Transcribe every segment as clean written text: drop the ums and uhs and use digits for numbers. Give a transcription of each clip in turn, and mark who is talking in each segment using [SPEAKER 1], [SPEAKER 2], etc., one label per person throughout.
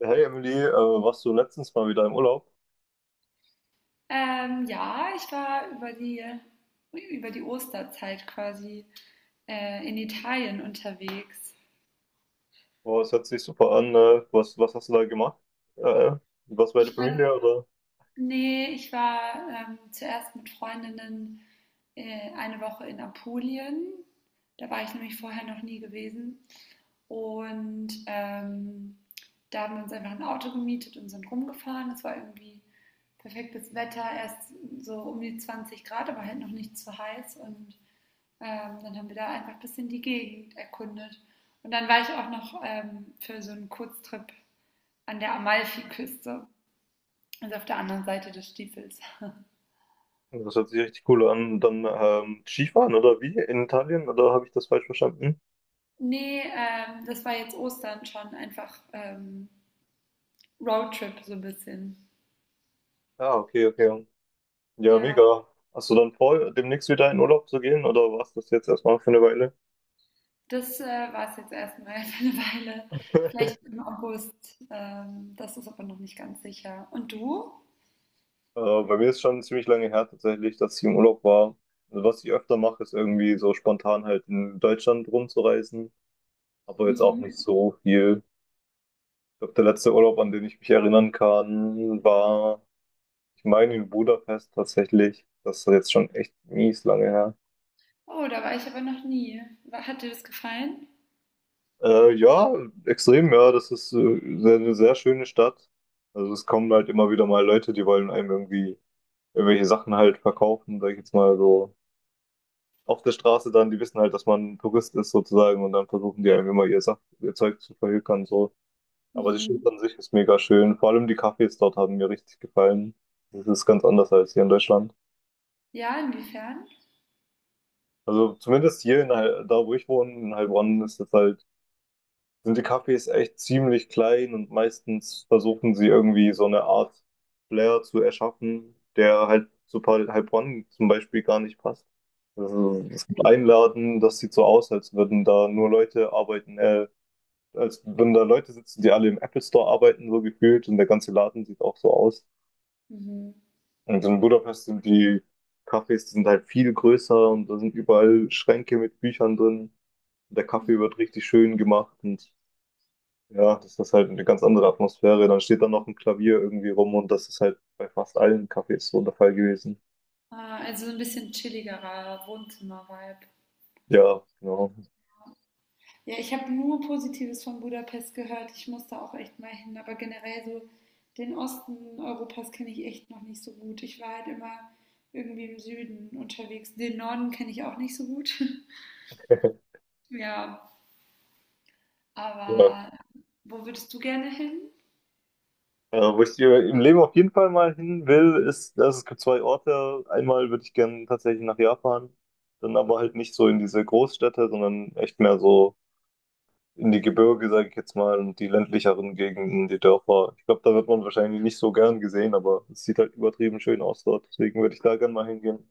[SPEAKER 1] Hey Emily, warst du letztens mal wieder im Urlaub?
[SPEAKER 2] Ja, ich war über die Osterzeit quasi in Italien unterwegs.
[SPEAKER 1] Boah, es hört sich super an. Was, was hast du da gemacht? Äh, was bei der
[SPEAKER 2] Ich war
[SPEAKER 1] Familie oder?
[SPEAKER 2] Nee, ich war, zuerst mit Freundinnen, eine Woche in Apulien. Da war ich nämlich vorher noch nie gewesen. Und da haben wir uns einfach ein Auto gemietet und sind rumgefahren. Es war irgendwie perfektes Wetter, erst so um die 20 Grad, aber halt noch nicht zu heiß. Und dann haben wir da einfach ein bisschen die Gegend erkundet. Und dann war ich auch noch, für so einen Kurztrip an der Amalfiküste, also auf der anderen Seite des Stiefels.
[SPEAKER 1] Das hört sich richtig cool an. Dann Skifahren oder wie? In Italien oder habe ich das falsch verstanden?
[SPEAKER 2] Nee, das war jetzt Ostern schon einfach Roadtrip so ein bisschen.
[SPEAKER 1] Ja, okay, okay. Ja,
[SPEAKER 2] Ja,
[SPEAKER 1] mega. Hast du dann vor, demnächst wieder in Urlaub zu gehen oder warst das jetzt erstmal für eine Weile?
[SPEAKER 2] das war es jetzt erstmal für eine Weile. Vielleicht im August. Das ist aber noch nicht ganz sicher. Und du?
[SPEAKER 1] Bei mir ist schon ziemlich lange her tatsächlich, dass ich im Urlaub war. Also was ich öfter mache, ist irgendwie so spontan halt in Deutschland rumzureisen, aber jetzt auch nicht
[SPEAKER 2] Mhm.
[SPEAKER 1] so viel. Glaube, der letzte Urlaub, an den ich mich erinnern kann, war, ich meine, in Budapest tatsächlich. Das ist jetzt schon echt mies lange her.
[SPEAKER 2] Oh, da war ich aber noch nie. Hat dir das gefallen?
[SPEAKER 1] Ja, extrem, ja. Das ist eine sehr schöne Stadt. Also es kommen halt immer wieder mal Leute, die wollen einem irgendwie irgendwelche Sachen halt verkaufen, sag ich jetzt mal so. Auf der Straße dann, die wissen halt, dass man Tourist ist sozusagen und dann versuchen die einem immer ihr Zeug zu verhökern so. Aber die Stadt
[SPEAKER 2] Mhm.
[SPEAKER 1] an sich ist mega schön. Vor allem die Cafés dort haben mir richtig gefallen. Das ist ganz anders als hier in Deutschland.
[SPEAKER 2] Ja, inwiefern?
[SPEAKER 1] Also zumindest da, wo ich wohne, in Heilbronn, ist es halt, sind die Cafés echt ziemlich klein und meistens versuchen sie irgendwie so eine Art Flair zu erschaffen, der halt Heilbronn zum Beispiel gar nicht passt. Also, es gibt einen Laden, das sieht so aus, als würden da Leute sitzen, die alle im Apple Store arbeiten, so gefühlt, und der ganze Laden sieht auch so aus.
[SPEAKER 2] Mhm.
[SPEAKER 1] Und in Budapest sind die Cafés, die sind halt viel größer und da sind überall Schränke mit Büchern drin. Der Kaffee
[SPEAKER 2] Mhm.
[SPEAKER 1] wird richtig schön gemacht und ja, das ist halt eine ganz andere Atmosphäre. Dann steht da noch ein Klavier irgendwie rum und das ist halt bei fast allen Cafés so der Fall gewesen.
[SPEAKER 2] Ah, also so ein bisschen chilligerer Wohnzimmer-Vibe.
[SPEAKER 1] Ja, genau.
[SPEAKER 2] Ja, ich habe nur Positives von Budapest gehört. Ich muss da auch echt mal hin. Aber generell so den Osten Europas kenne ich echt noch nicht so gut. Ich war halt immer irgendwie im Süden unterwegs. Den Norden kenne ich auch nicht so gut. Ja,
[SPEAKER 1] Ja.
[SPEAKER 2] aber wo würdest du gerne hin?
[SPEAKER 1] Wo ich dir im Leben auf jeden Fall mal hin will, ist, dass es gibt zwei Orte. Einmal würde ich gerne tatsächlich nach Japan, dann aber halt nicht so in diese Großstädte, sondern echt mehr so in die Gebirge, sage ich jetzt mal, und die ländlicheren Gegenden, die Dörfer. Ich glaube, da wird man wahrscheinlich nicht so gern gesehen, aber es sieht halt übertrieben schön aus dort. Deswegen würde ich da gern mal hingehen.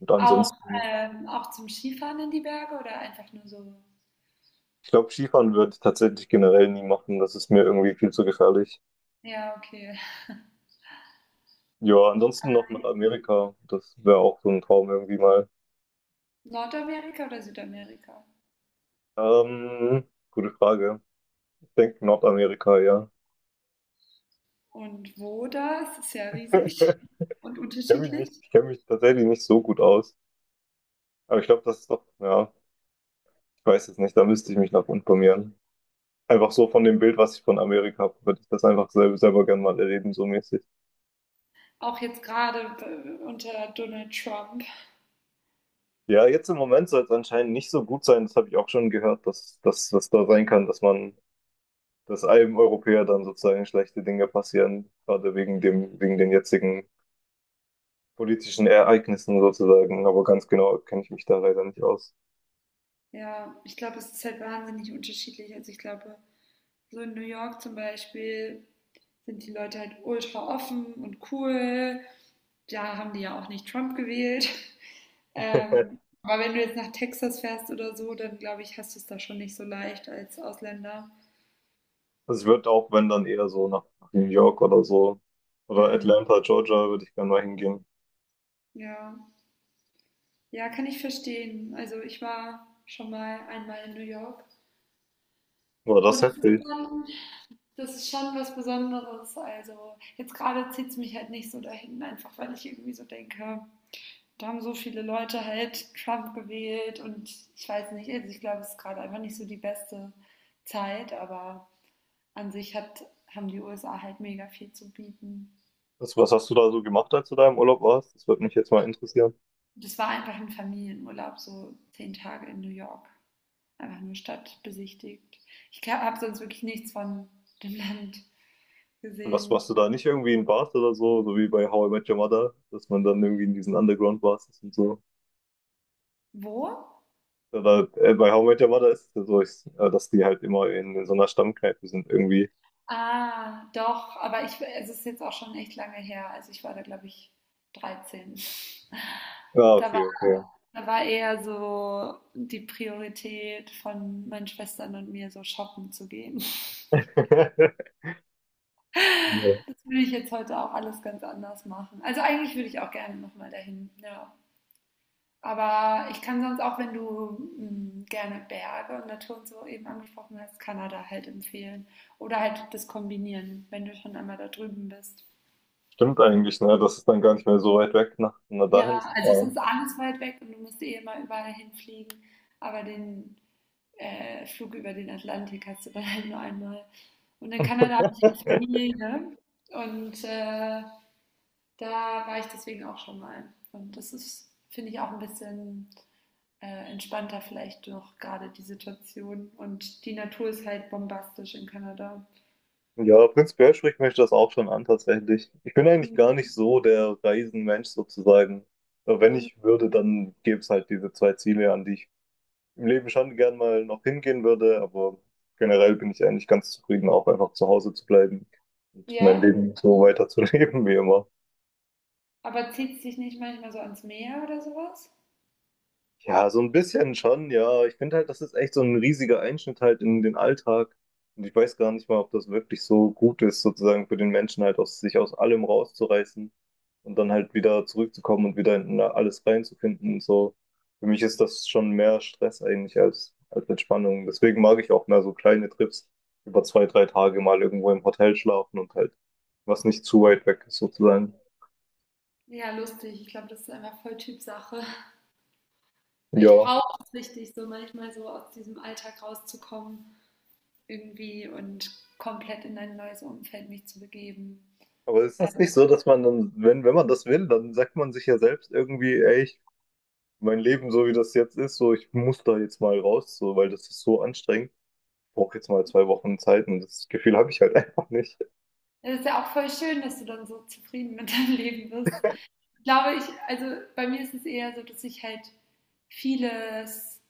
[SPEAKER 1] Und
[SPEAKER 2] Auch,
[SPEAKER 1] ansonsten,
[SPEAKER 2] auch zum Skifahren in die Berge oder einfach nur so?
[SPEAKER 1] ich glaube, Skifahren würde ich tatsächlich generell nie machen. Das ist mir irgendwie viel zu gefährlich.
[SPEAKER 2] Ja, okay.
[SPEAKER 1] Ja, ansonsten noch nach Amerika. Das wäre auch so ein Traum irgendwie mal.
[SPEAKER 2] Nordamerika oder Südamerika?
[SPEAKER 1] Ähm, Gute Frage. Ich denke Nordamerika, ja.
[SPEAKER 2] Und wo das? Ist ja riesig und unterschiedlich.
[SPEAKER 1] Ich kenne mich tatsächlich nicht so gut aus. Aber ich glaube, das ist doch, ja, ich weiß es nicht, da müsste ich mich noch informieren. Einfach so von dem Bild, was ich von Amerika habe, würde ich das einfach selber gerne mal erleben, so mäßig.
[SPEAKER 2] Auch jetzt gerade unter Donald Trump.
[SPEAKER 1] Ja, jetzt im Moment soll es anscheinend nicht so gut sein. Das habe ich auch schon gehört, dass das da sein kann, dass man, dass einem Europäer dann sozusagen schlechte Dinge passieren, gerade wegen den jetzigen politischen Ereignissen sozusagen. Aber ganz genau kenne ich mich da leider nicht aus.
[SPEAKER 2] Ja, ich glaube, es ist halt wahnsinnig unterschiedlich. Also ich glaube, so in New York zum Beispiel sind die Leute halt ultra offen und cool. Da haben die ja auch nicht Trump gewählt. Aber wenn du jetzt nach Texas fährst oder so, dann glaube ich, hast du es da schon nicht so leicht als Ausländer.
[SPEAKER 1] Also ich würde auch, wenn dann eher so nach New York oder so oder
[SPEAKER 2] Hm.
[SPEAKER 1] Atlanta, Georgia, würde ich gerne mal hingehen.
[SPEAKER 2] Ja. Ja, kann ich verstehen. Also ich war schon mal einmal in New York,
[SPEAKER 1] War
[SPEAKER 2] und
[SPEAKER 1] das
[SPEAKER 2] es ist
[SPEAKER 1] heftig?
[SPEAKER 2] schon das ist schon was Besonderes. Also jetzt gerade zieht es mich halt nicht so dahin, einfach weil ich irgendwie so denke, da haben so viele Leute halt Trump gewählt und ich weiß nicht, also ich glaube, es ist gerade einfach nicht so die beste Zeit, aber an sich haben die USA halt mega viel zu bieten.
[SPEAKER 1] Was hast du da so gemacht, als du da im Urlaub warst? Das würde mich jetzt mal interessieren.
[SPEAKER 2] Das war einfach ein Familienurlaub, so 10 Tage in New York. Einfach nur Stadt besichtigt. Ich habe sonst wirklich nichts von dem Land
[SPEAKER 1] Was
[SPEAKER 2] gesehen.
[SPEAKER 1] warst du da nicht irgendwie in Bars oder so, so wie bei How I Met Your Mother, dass man dann irgendwie in diesen Underground-Bars ist und so?
[SPEAKER 2] Wo?
[SPEAKER 1] Bei How I Met Your Mother ist es ja so, dass die halt in so einer Stammkneipe sind irgendwie.
[SPEAKER 2] Ah, doch, aber es ist jetzt auch schon echt lange her. Also ich war da, glaube ich, 13.
[SPEAKER 1] Ah,
[SPEAKER 2] Da
[SPEAKER 1] okay,
[SPEAKER 2] war,
[SPEAKER 1] okay.
[SPEAKER 2] da war eher so die Priorität von meinen Schwestern und mir, so shoppen zu gehen.
[SPEAKER 1] Ja.
[SPEAKER 2] Das würde ich jetzt heute auch alles ganz anders machen. Also eigentlich würde ich auch gerne nochmal dahin, ja. Aber ich kann sonst auch, wenn du gerne Berge und Natur und so eben angesprochen hast, Kanada halt empfehlen. Oder halt das kombinieren, wenn du schon einmal da drüben bist.
[SPEAKER 1] Stimmt eigentlich, ne? Das ist dann gar nicht mehr so weit weg, nach dahin
[SPEAKER 2] Ja,
[SPEAKER 1] zu
[SPEAKER 2] also es
[SPEAKER 1] fahren.
[SPEAKER 2] ist alles weit weg und du musst eh immer überall hinfliegen. Aber den Flug über den Atlantik hast du dann halt nur einmal. Und in Kanada habe ich jetzt Familie und da war ich deswegen auch schon mal. Und das ist, finde ich, auch ein bisschen entspannter vielleicht noch gerade die Situation. Und die Natur ist halt bombastisch in Kanada.
[SPEAKER 1] Ja, prinzipiell spricht mich das auch schon an, tatsächlich. Ich bin eigentlich gar nicht so der Reisenmensch sozusagen. Aber wenn
[SPEAKER 2] Mhm.
[SPEAKER 1] ich würde, dann gäbe es halt diese zwei Ziele, an die ich im Leben schon gern mal noch hingehen würde, aber generell bin ich eigentlich ganz zufrieden, auch einfach zu Hause zu bleiben und mein
[SPEAKER 2] Ja,
[SPEAKER 1] Leben so weiterzuleben wie immer.
[SPEAKER 2] aber zieht es dich nicht manchmal so ans Meer oder sowas?
[SPEAKER 1] Ja, so ein bisschen schon, ja. Ich finde halt, das ist echt so ein riesiger Einschnitt halt in den Alltag. Und ich weiß gar nicht mal, ob das wirklich so gut ist, sozusagen für den Menschen halt aus sich aus allem rauszureißen und dann halt wieder zurückzukommen und wieder in alles reinzufinden und so. Für mich ist das schon mehr Stress eigentlich als Entspannung. Deswegen mag ich auch mehr so kleine Trips über zwei, drei Tage mal irgendwo im Hotel schlafen und halt was nicht zu weit weg ist sozusagen.
[SPEAKER 2] Ja, lustig. Ich glaube, das ist einfach voll Typsache. Weil ich
[SPEAKER 1] Ja.
[SPEAKER 2] brauche es richtig, so manchmal so aus diesem Alltag rauszukommen irgendwie und komplett in ein neues Umfeld mich zu begeben.
[SPEAKER 1] Aber ist
[SPEAKER 2] Äh,
[SPEAKER 1] das nicht so, dass man dann, wenn man das will, dann sagt man sich ja selbst irgendwie, ey, ich, mein Leben so wie das jetzt ist, so ich muss da jetzt mal raus, so, weil das ist so anstrengend. Ich brauche jetzt mal zwei Wochen Zeit und das Gefühl habe ich halt einfach nicht.
[SPEAKER 2] Es ist ja auch voll schön, dass du dann so zufrieden mit deinem Leben bist. Ich glaube, also bei mir ist es eher so, dass ich halt vieles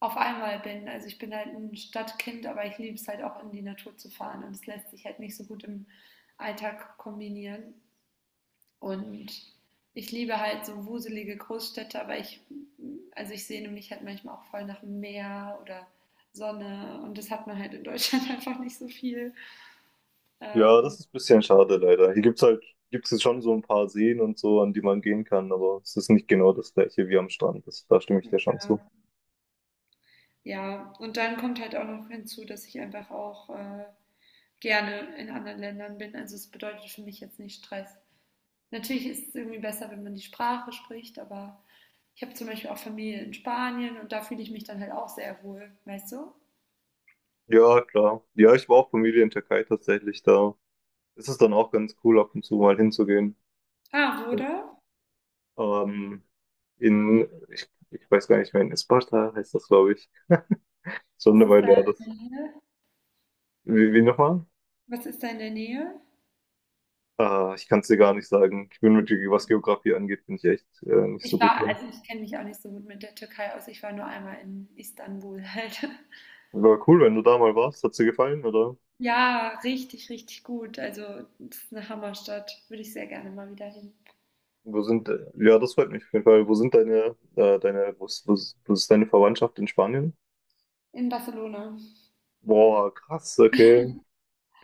[SPEAKER 2] auf einmal bin. Also ich bin halt ein Stadtkind, aber ich liebe es halt auch in die Natur zu fahren und es lässt sich halt nicht so gut im Alltag kombinieren. Und ich liebe halt so wuselige Großstädte, also ich sehne mich halt manchmal auch voll nach dem Meer oder Sonne und das hat man halt in Deutschland einfach nicht so viel.
[SPEAKER 1] Ja, das
[SPEAKER 2] Ähm,
[SPEAKER 1] ist ein bisschen schade leider. Gibt's jetzt schon so ein paar Seen und so, an die man gehen kann, aber es ist nicht genau das gleiche wie am Strand. Das, da stimme ich dir schon zu.
[SPEAKER 2] ja. Ja, und dann kommt halt auch noch hinzu, dass ich einfach auch gerne in anderen Ländern bin. Also es bedeutet für mich jetzt nicht Stress. Natürlich ist es irgendwie besser, wenn man die Sprache spricht, aber ich habe zum Beispiel auch Familie in Spanien und da fühle ich mich dann halt auch sehr wohl, weißt du?
[SPEAKER 1] Ja, klar. Ja, ich war auch Familie in Türkei tatsächlich da. Es ist dann auch ganz cool, ab und zu mal hinzugehen.
[SPEAKER 2] Ah, oder?
[SPEAKER 1] Ähm, ich weiß gar nicht mehr, in Esparta heißt das, glaube ich. Schon
[SPEAKER 2] Was
[SPEAKER 1] eine
[SPEAKER 2] ist da
[SPEAKER 1] Weile her.
[SPEAKER 2] in
[SPEAKER 1] Das,
[SPEAKER 2] der Nähe?
[SPEAKER 1] wie nochmal?
[SPEAKER 2] Was ist da in der Nähe?
[SPEAKER 1] Ah, ich kann es dir gar nicht sagen. Ich bin mit, Ge- was Geografie angeht, bin ich echt nicht so gut drin.
[SPEAKER 2] Also ich kenne mich auch nicht so gut mit der Türkei aus. Ich war nur einmal in Istanbul halt.
[SPEAKER 1] Aber cool, wenn du da mal warst. Hat's dir gefallen, oder?
[SPEAKER 2] Ja, richtig, richtig gut. Also, das ist eine Hammerstadt. Würde ich sehr gerne mal wieder hin.
[SPEAKER 1] Das freut mich auf jeden Fall. Wo sind deine, deine, wo ist deine Verwandtschaft in Spanien?
[SPEAKER 2] In Barcelona.
[SPEAKER 1] Boah, krass, okay.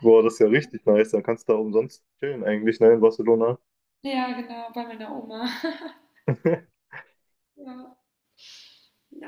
[SPEAKER 1] Boah, das ist ja richtig nice. Dann kannst du da umsonst chillen eigentlich, ne, in Barcelona.
[SPEAKER 2] Ja, genau, bei meiner Oma. Ja.